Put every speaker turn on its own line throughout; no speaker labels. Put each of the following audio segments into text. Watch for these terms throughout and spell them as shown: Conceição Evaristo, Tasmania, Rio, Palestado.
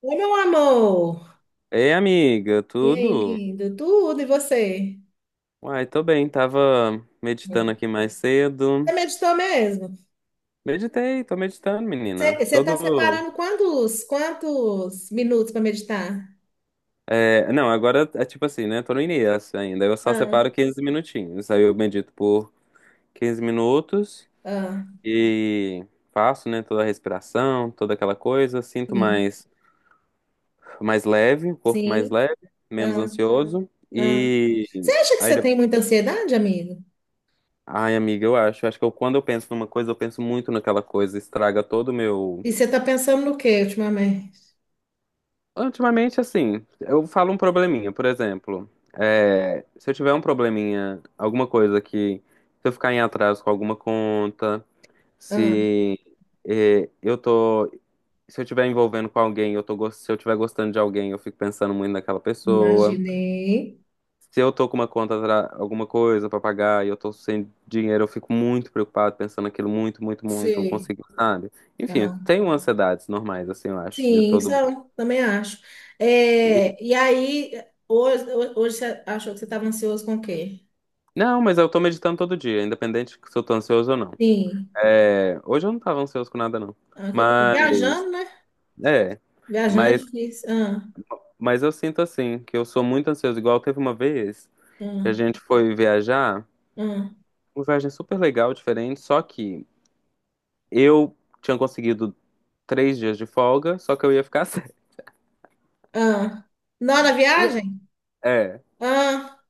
Oi, meu amor.
Ei, amiga,
E aí,
tudo?
lindo? Tudo, e você?
Uai, tô bem, tava meditando
Né?
aqui mais
Você
cedo.
meditou mesmo?
Meditei, tô meditando, menina.
Você está
Todo.
separando quantos minutos para meditar?
É, não, Agora é tipo assim, né? Tô no início ainda. Eu só
Ah,
separo 15 minutinhos. Aí eu medito por 15 minutos
ah.
e faço, né, toda a respiração, toda aquela coisa. Sinto
Sim,
mais, mais leve, o corpo mais
sim.
leve, menos
Ah,
ansioso.
ah. Você
E
acha que
aí
você tem
depois.
muita ansiedade, amigo?
Ai, amiga, eu acho. Eu acho que quando eu penso numa coisa, eu penso muito naquela coisa, estraga todo o meu.
E você está pensando no quê ultimamente?
Ultimamente, assim, eu falo um probleminha, por exemplo. Se eu tiver um probleminha, alguma coisa que. Se eu ficar em atraso com alguma conta,
Ah,
se eu tô. Se eu estiver envolvendo com alguém, eu tô, se eu estiver gostando de alguém, eu fico pensando muito naquela pessoa.
imaginei.
Se eu tô com uma conta, alguma coisa pra pagar e eu tô sem dinheiro, eu fico muito preocupado, pensando aquilo muito, muito, muito, não
Sei.
consigo, sabe? Enfim,
Ah,
tem ansiedades normais, assim, eu acho, de
sim, isso
todo mundo.
eu também acho. É, e aí, hoje, hoje você achou que você estava ansioso com o quê?
Não, mas eu tô meditando todo dia, independente se eu tô ansioso ou não.
Sim.
É, hoje eu não tava ansioso com nada, não.
Ah, que bom.
Mas,
Viajando, né?
é.
Viajando é
Mas,
difícil. Ah,
mas eu sinto assim, que eu sou muito ansioso. Igual teve uma vez que a
ah,
gente foi viajar,
ah,
uma viagem super legal, diferente, só que eu tinha conseguido três dias de folga, só que eu ia ficar sem.
ah. Não, na
E-
viagem?
É.
Ah,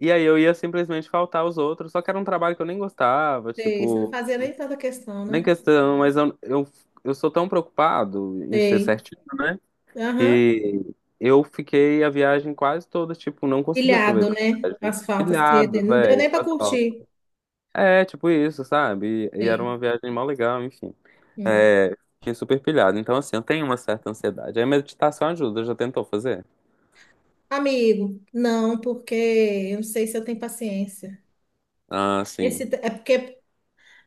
E aí eu ia simplesmente faltar os outros, só que era um trabalho que eu nem gostava,
sei. Você não
tipo,
fazia nem tanta questão,
nem
né?
questão, mas eu sou tão preocupado em ser
Sei.
certinho. Né?
Aham.
E eu fiquei a viagem quase toda, tipo, não consegui
Pilhado,
aproveitar a
né?
viagem.
Asfalto,
Pilhado,
seta. Não deu
velho,
nem pra
faz falta.
curtir.
É, tipo isso, sabe? E era
Sei.
uma viagem mó legal, enfim.
Hum.
É, fiquei super pilhado. Então, assim, eu tenho uma certa ansiedade. Aí meditação ajuda, já tentou fazer?
Amigo, não, porque eu não sei se eu tenho paciência.
Ah,
Esse,
sim.
é porque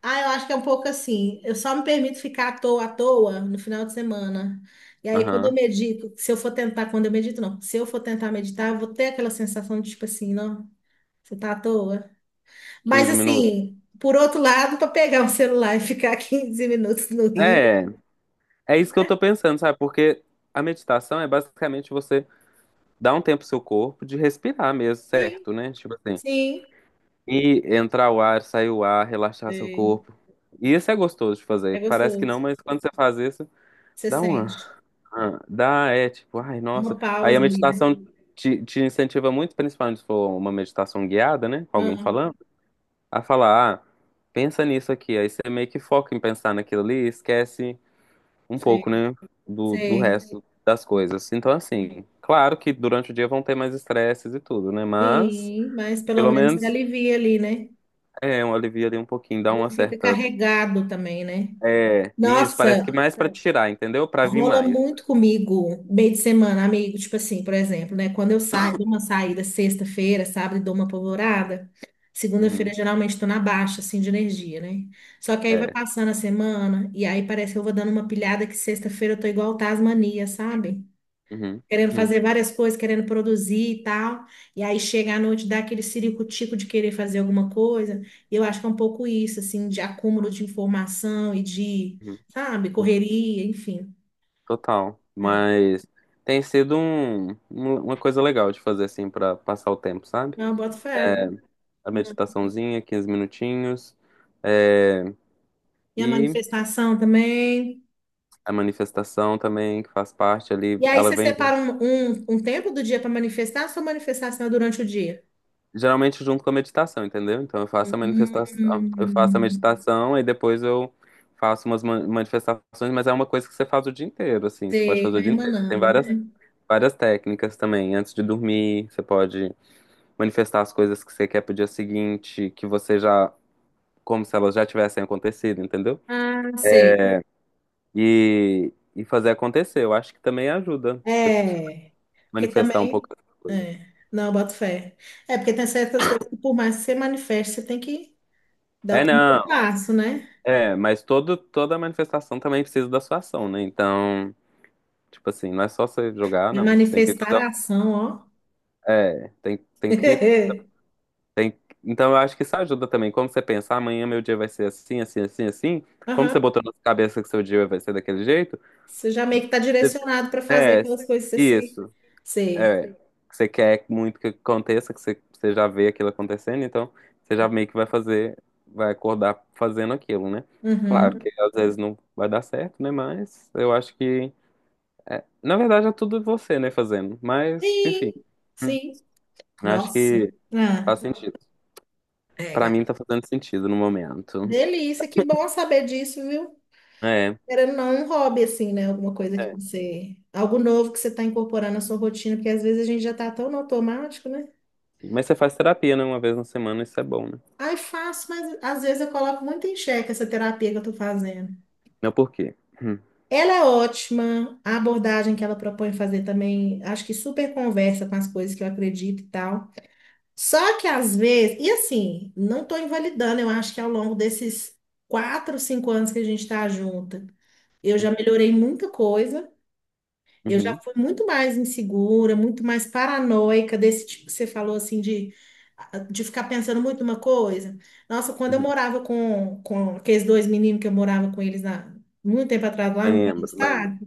ah, eu acho que é um pouco assim. Eu só me permito ficar à toa no final de semana. E aí, quando eu
Aham.
medito, se eu for tentar, quando eu medito, não, se eu for tentar meditar, eu vou ter aquela sensação de tipo assim, não, você tá à toa. Mas
15 minutos.
assim, por outro lado, para pegar o celular e ficar quinze minutos no Rio,
É, é isso que eu tô pensando, sabe? Porque a meditação é basicamente você dar um tempo pro seu corpo de respirar mesmo,
sim,
certo, né? Tipo assim.
sim,
E entrar o ar, sair o ar, relaxar seu
sim.
corpo. E isso é gostoso de fazer.
É
Parece que não,
gostoso.
mas quando você faz isso,
Você
dá uma.
sente
Dá, é tipo, ai, nossa.
uma
Aí a
pausa ali, né?
meditação te incentiva muito, principalmente se for uma meditação guiada, né? Com alguém
Ah,
falando, a falar, ah, pensa nisso aqui. Aí você meio que foca em pensar naquilo ali e esquece um pouco,
sei,
né? Do
sei.
resto das coisas. Então, assim, claro que durante o dia vão ter mais estresses e tudo, né? Mas,
Sim, mas pelo
pelo
menos se
menos,
alivia ali, né?
é um alivio ali um pouquinho, dá
Não
uma
fica
certa.
carregado também, né?
É, isso,
Nossa,
parece que mais pra tirar, entendeu? Pra vir
rola
mais.
muito comigo meio de semana, amigo. Tipo assim, por exemplo, né? Quando eu saio, dou uma saída sexta-feira, sábado, e dou uma polvorada. Segunda-feira,
Uhum,
geralmente, tô na baixa, assim, de energia, né? Só que aí vai
é.
passando a semana, e aí parece que eu vou dando uma pilhada que sexta-feira eu tô igual Tasmania, sabe?
Uhum,
Querendo
uhum,
fazer várias coisas, querendo produzir e tal. E aí chega à noite, dá aquele ciricutico de querer fazer alguma coisa. E eu acho que é um pouco isso, assim, de acúmulo de informação e de
uhum.
sabe, correria, enfim.
Total.
É.
Mas tem sido uma coisa legal de fazer assim pra passar o tempo, sabe?
Eu boto fé, viu?
A
Hum.
meditaçãozinha, 15 minutinhos. É,
E a
e
manifestação também.
a manifestação também, que faz parte ali,
E aí
ela
você
vem junto,
separa um tempo do dia para manifestar, ou sua manifestação é durante o dia?
geralmente junto com a meditação, entendeu? Então eu faço a manifestação, eu faço a
Hum,
meditação e depois eu faço umas manifestações, mas é uma coisa que você faz o dia inteiro, assim, você pode
sei,
fazer o
vai
dia inteiro. Tem
emanando, né?
várias, várias técnicas também, antes de dormir, você pode manifestar as coisas que você quer pro dia seguinte, que você já, como se elas já tivessem acontecido, entendeu?
Ah, sei.
E fazer acontecer. Eu acho que também ajuda você
É. Porque
manifestar um pouco
também.
essas coisas.
É. Não, eu boto fé. É, porque tem certas coisas que, por mais que você manifeste, você tem que dar o
É,
primeiro
não,
passo, né?
é, mas todo, toda manifestação também precisa da sua ação, né? Então, tipo assim, não é só você jogar,
E a
não. Você tem que
manifestar
fazer.
a ação, ó.
É, tem, tem que. Tem, então, eu acho que isso ajuda também. Como você pensa: "Ah, amanhã meu dia vai ser assim, assim, assim, assim. Como você
Aham.
botou na sua cabeça que seu dia vai ser daquele jeito?"
Você já meio que tá
você-
direcionado para fazer
É,
aquelas coisas que você se.
isso.
Sei.
É, que você quer muito que aconteça, que você já vê aquilo acontecendo, então você já meio que vai fazer, vai acordar fazendo aquilo, né? Claro que
Uhum.
às vezes não vai dar certo, né? Mas eu acho que, na verdade, é tudo você, né, fazendo. Mas, enfim,
Sim,
hum,
sim.
acho
Nossa.
que faz
Ah,
sentido.
é,
Pra
gata,
mim tá fazendo sentido no momento.
delícia, que bom saber disso, viu?
É,
Querendo ou não, um hobby, assim, né? Alguma coisa que
é.
você. Algo novo que você está incorporando na sua rotina, porque às vezes a gente já tá tão no automático, né?
Mas você faz terapia, né? Uma vez na semana, isso é bom, né?
Ai, faço, mas às vezes eu coloco muito em xeque essa terapia que eu tô fazendo.
Não, por quê? Hum,
Ela é ótima, a abordagem que ela propõe fazer também, acho que super conversa com as coisas que eu acredito e tal. Só que às vezes, e assim, não estou invalidando, eu acho que ao longo desses quatro, cinco anos que a gente está junta, eu já melhorei muita coisa, eu já
uhum,
fui muito mais insegura, muito mais paranoica, desse tipo que você falou assim, de, ficar pensando muito uma coisa. Nossa, quando eu
uhum.
morava com aqueles dois meninos que eu morava com eles na, muito tempo atrás lá no
Lembro, lembro.
Palestado,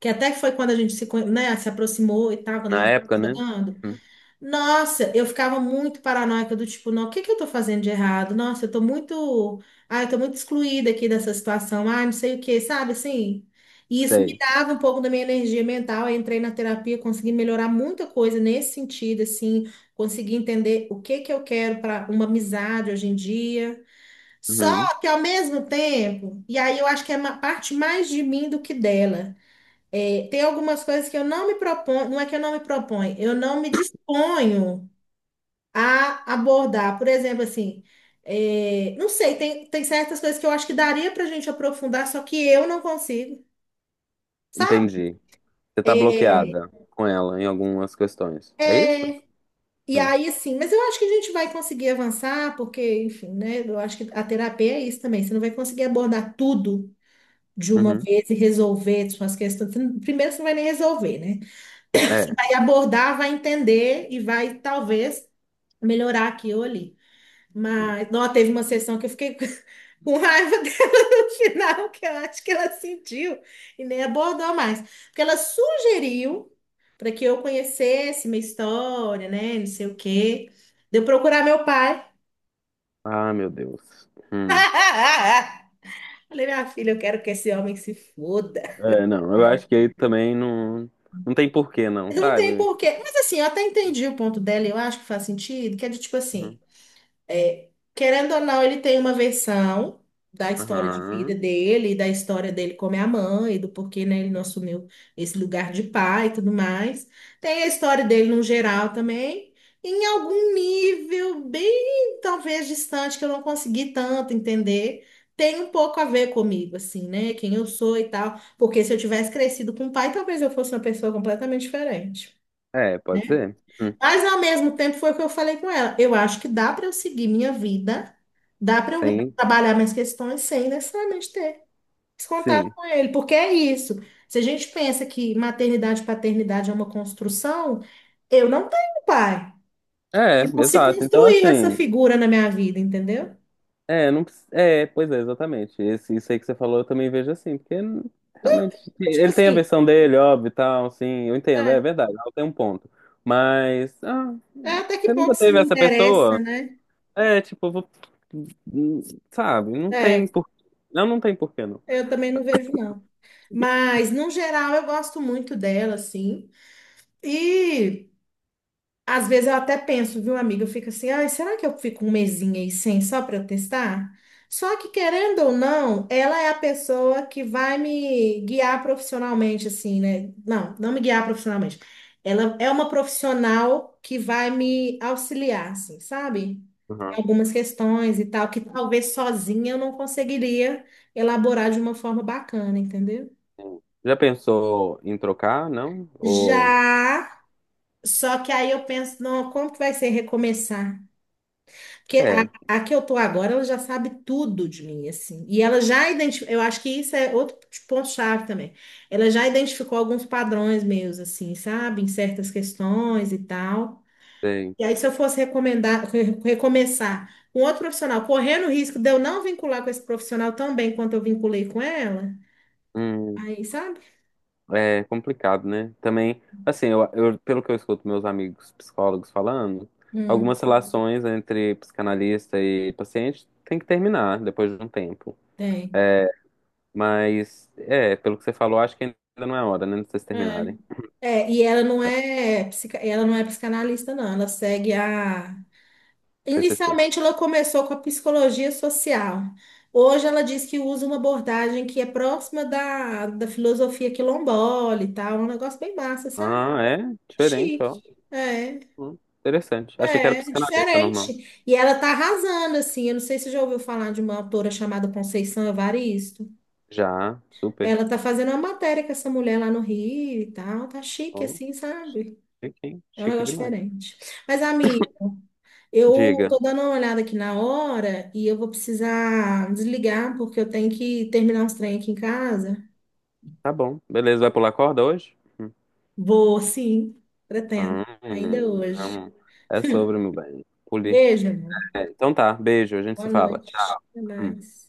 que até que foi quando a gente se, né, se aproximou e tal, quando a
Na
gente
época, né?
jogando.
Hum,
Nossa, eu ficava muito paranoica do tipo, não, o que que eu tô fazendo de errado? Nossa, eu tô muito, ah, eu tô muito excluída aqui dessa situação. Ah, não sei o que, sabe assim? E isso me
sei.
dava um pouco da minha energia mental. Eu entrei na terapia, consegui melhorar muita coisa nesse sentido, assim, consegui entender o que que eu quero para uma amizade hoje em dia.
Uhum.
Só que ao mesmo tempo, e aí eu acho que é uma parte mais de mim do que dela. É, tem algumas coisas que eu não me proponho, não é que eu não me proponho, eu não me disponho a abordar. Por exemplo, assim, é, não sei, tem certas coisas que eu acho que daria pra gente aprofundar, só que eu não consigo, sabe?
Entendi. Você tá
É,
bloqueada com ela em algumas questões. É isso?
e
Hum.
aí, assim, mas eu acho que a gente vai conseguir avançar, porque, enfim, né? Eu acho que a terapia é isso também. Você não vai conseguir abordar tudo de uma
Uhum.
vez e resolver suas questões. Você não. Primeiro, você não vai nem resolver, né?
É.
Vai abordar, vai entender e vai, talvez, melhorar aqui ou ali.
Sim.
Mas, não, teve uma sessão que eu fiquei com raiva dela no final, que eu acho que ela sentiu e nem abordou mais. Porque ela sugeriu para que eu conhecesse minha história, né? Não sei o quê. De eu procurar meu pai.
Ah, meu Deus. Hum.
Falei, minha filha, eu quero que esse homem se foda.
É, não. Eu acho que aí também não, não tem porquê, não,
Não tem
sabe?
porquê. Mas assim, eu até entendi o ponto dela, e eu acho que faz sentido, que é de tipo
Uhum.
assim. É, querendo ou não, ele tem uma versão da história de vida
Aham.
dele, e da história dele como é a mãe, do porquê, né, ele não assumiu esse lugar de pai e tudo mais. Tem a história dele no geral também, em algum nível bem, talvez, distante, que eu não consegui tanto entender. Tem um pouco a ver comigo, assim, né? Quem eu sou e tal. Porque se eu tivesse crescido com o pai, talvez eu fosse uma pessoa completamente diferente, né?
É, pode ser. Hum.
Mas ao mesmo tempo foi o que eu falei com ela. Eu acho que dá para eu seguir minha vida, dá para eu
Sim,
trabalhar minhas questões sem necessariamente ter esse contato
sim.
com ele, porque é isso. Se a gente pensa que maternidade e paternidade é uma construção, eu não tenho pai.
É,
E não se
exato. Então,
construiu essa
assim.
figura na minha vida, entendeu?
É, não, é, pois é, exatamente. Esse, isso aí que você falou, eu também vejo assim, porque realmente
Tipo
ele tem a
assim,
versão dele, óbvio, e tal, assim, eu entendo, é
é,
verdade, ela tem um ponto. Mas, ah,
é até que
você
ponto
nunca
isso
teve
me
essa
interessa,
pessoa?
né?
É, tipo, n- sabe,
É,
não, não tem porquê, não.
eu também não vejo, não. Mas, no geral, eu gosto muito dela, assim. E. Às vezes eu até penso, viu, amiga? Eu fico assim, ai, será que eu fico um mesinho aí sem só para eu testar? Só que, querendo ou não, ela é a pessoa que vai me guiar profissionalmente, assim, né? Não, não me guiar profissionalmente. Ela é uma profissional que vai me auxiliar, assim, sabe? Em
Uhum.
algumas questões e tal, que talvez sozinha eu não conseguiria elaborar de uma forma bacana, entendeu?
Já pensou em trocar, não? Ou,
Já, só que aí eu penso, não, como que vai ser recomeçar? Porque
é,
a que eu tô agora, ela já sabe tudo de mim, assim. E ela já identificou, eu acho que isso é outro ponto-chave também. Ela já identificou alguns padrões meus, assim, sabe? Em certas questões e tal.
sei.
E aí, se eu fosse recomendar, recomeçar com outro profissional, correndo o risco de eu não vincular com esse profissional tão bem quanto eu vinculei com ela, aí, sabe?
É complicado, né? Também, assim, pelo que eu escuto meus amigos psicólogos falando,
Hum,
algumas relações entre psicanalista e paciente tem que terminar depois de um tempo.
tem.
Mas, é, pelo que você falou, acho que ainda não é hora, né, de vocês
É.
terminarem.
É, e ela não é, ela não é psicanalista, não. Ela segue a.
TCC.
Inicialmente, ela começou com a psicologia social. Hoje, ela diz que usa uma abordagem que é próxima da, filosofia quilombola e tal, um negócio bem massa, sabe?
Ah, é? Diferente,
Chique.
ó.
É,
Interessante. Achei que era psicanalista
diferente.
normal.
E ela tá arrasando, assim. Eu não sei se você já ouviu falar de uma autora chamada Conceição Evaristo.
Já, super.
Ela tá fazendo uma matéria com essa mulher lá no Rio e tal. Tá chique,
Ó,
assim, sabe?
chique, hein?
É um
Chique
negócio
demais.
diferente. Mas, amiga. Eu
Diga.
tô dando uma olhada aqui na hora e eu vou precisar desligar porque eu tenho que terminar uns trem aqui em casa.
Tá bom. Beleza, vai pular corda hoje?
Vou, sim, pretendo, ainda hoje.
Não. É sobre, meu bem. Poli.
Beijo, amor.
É, então tá, beijo, a gente
Boa
se fala.
noite.
Tchau.
Até
Hum.
mais.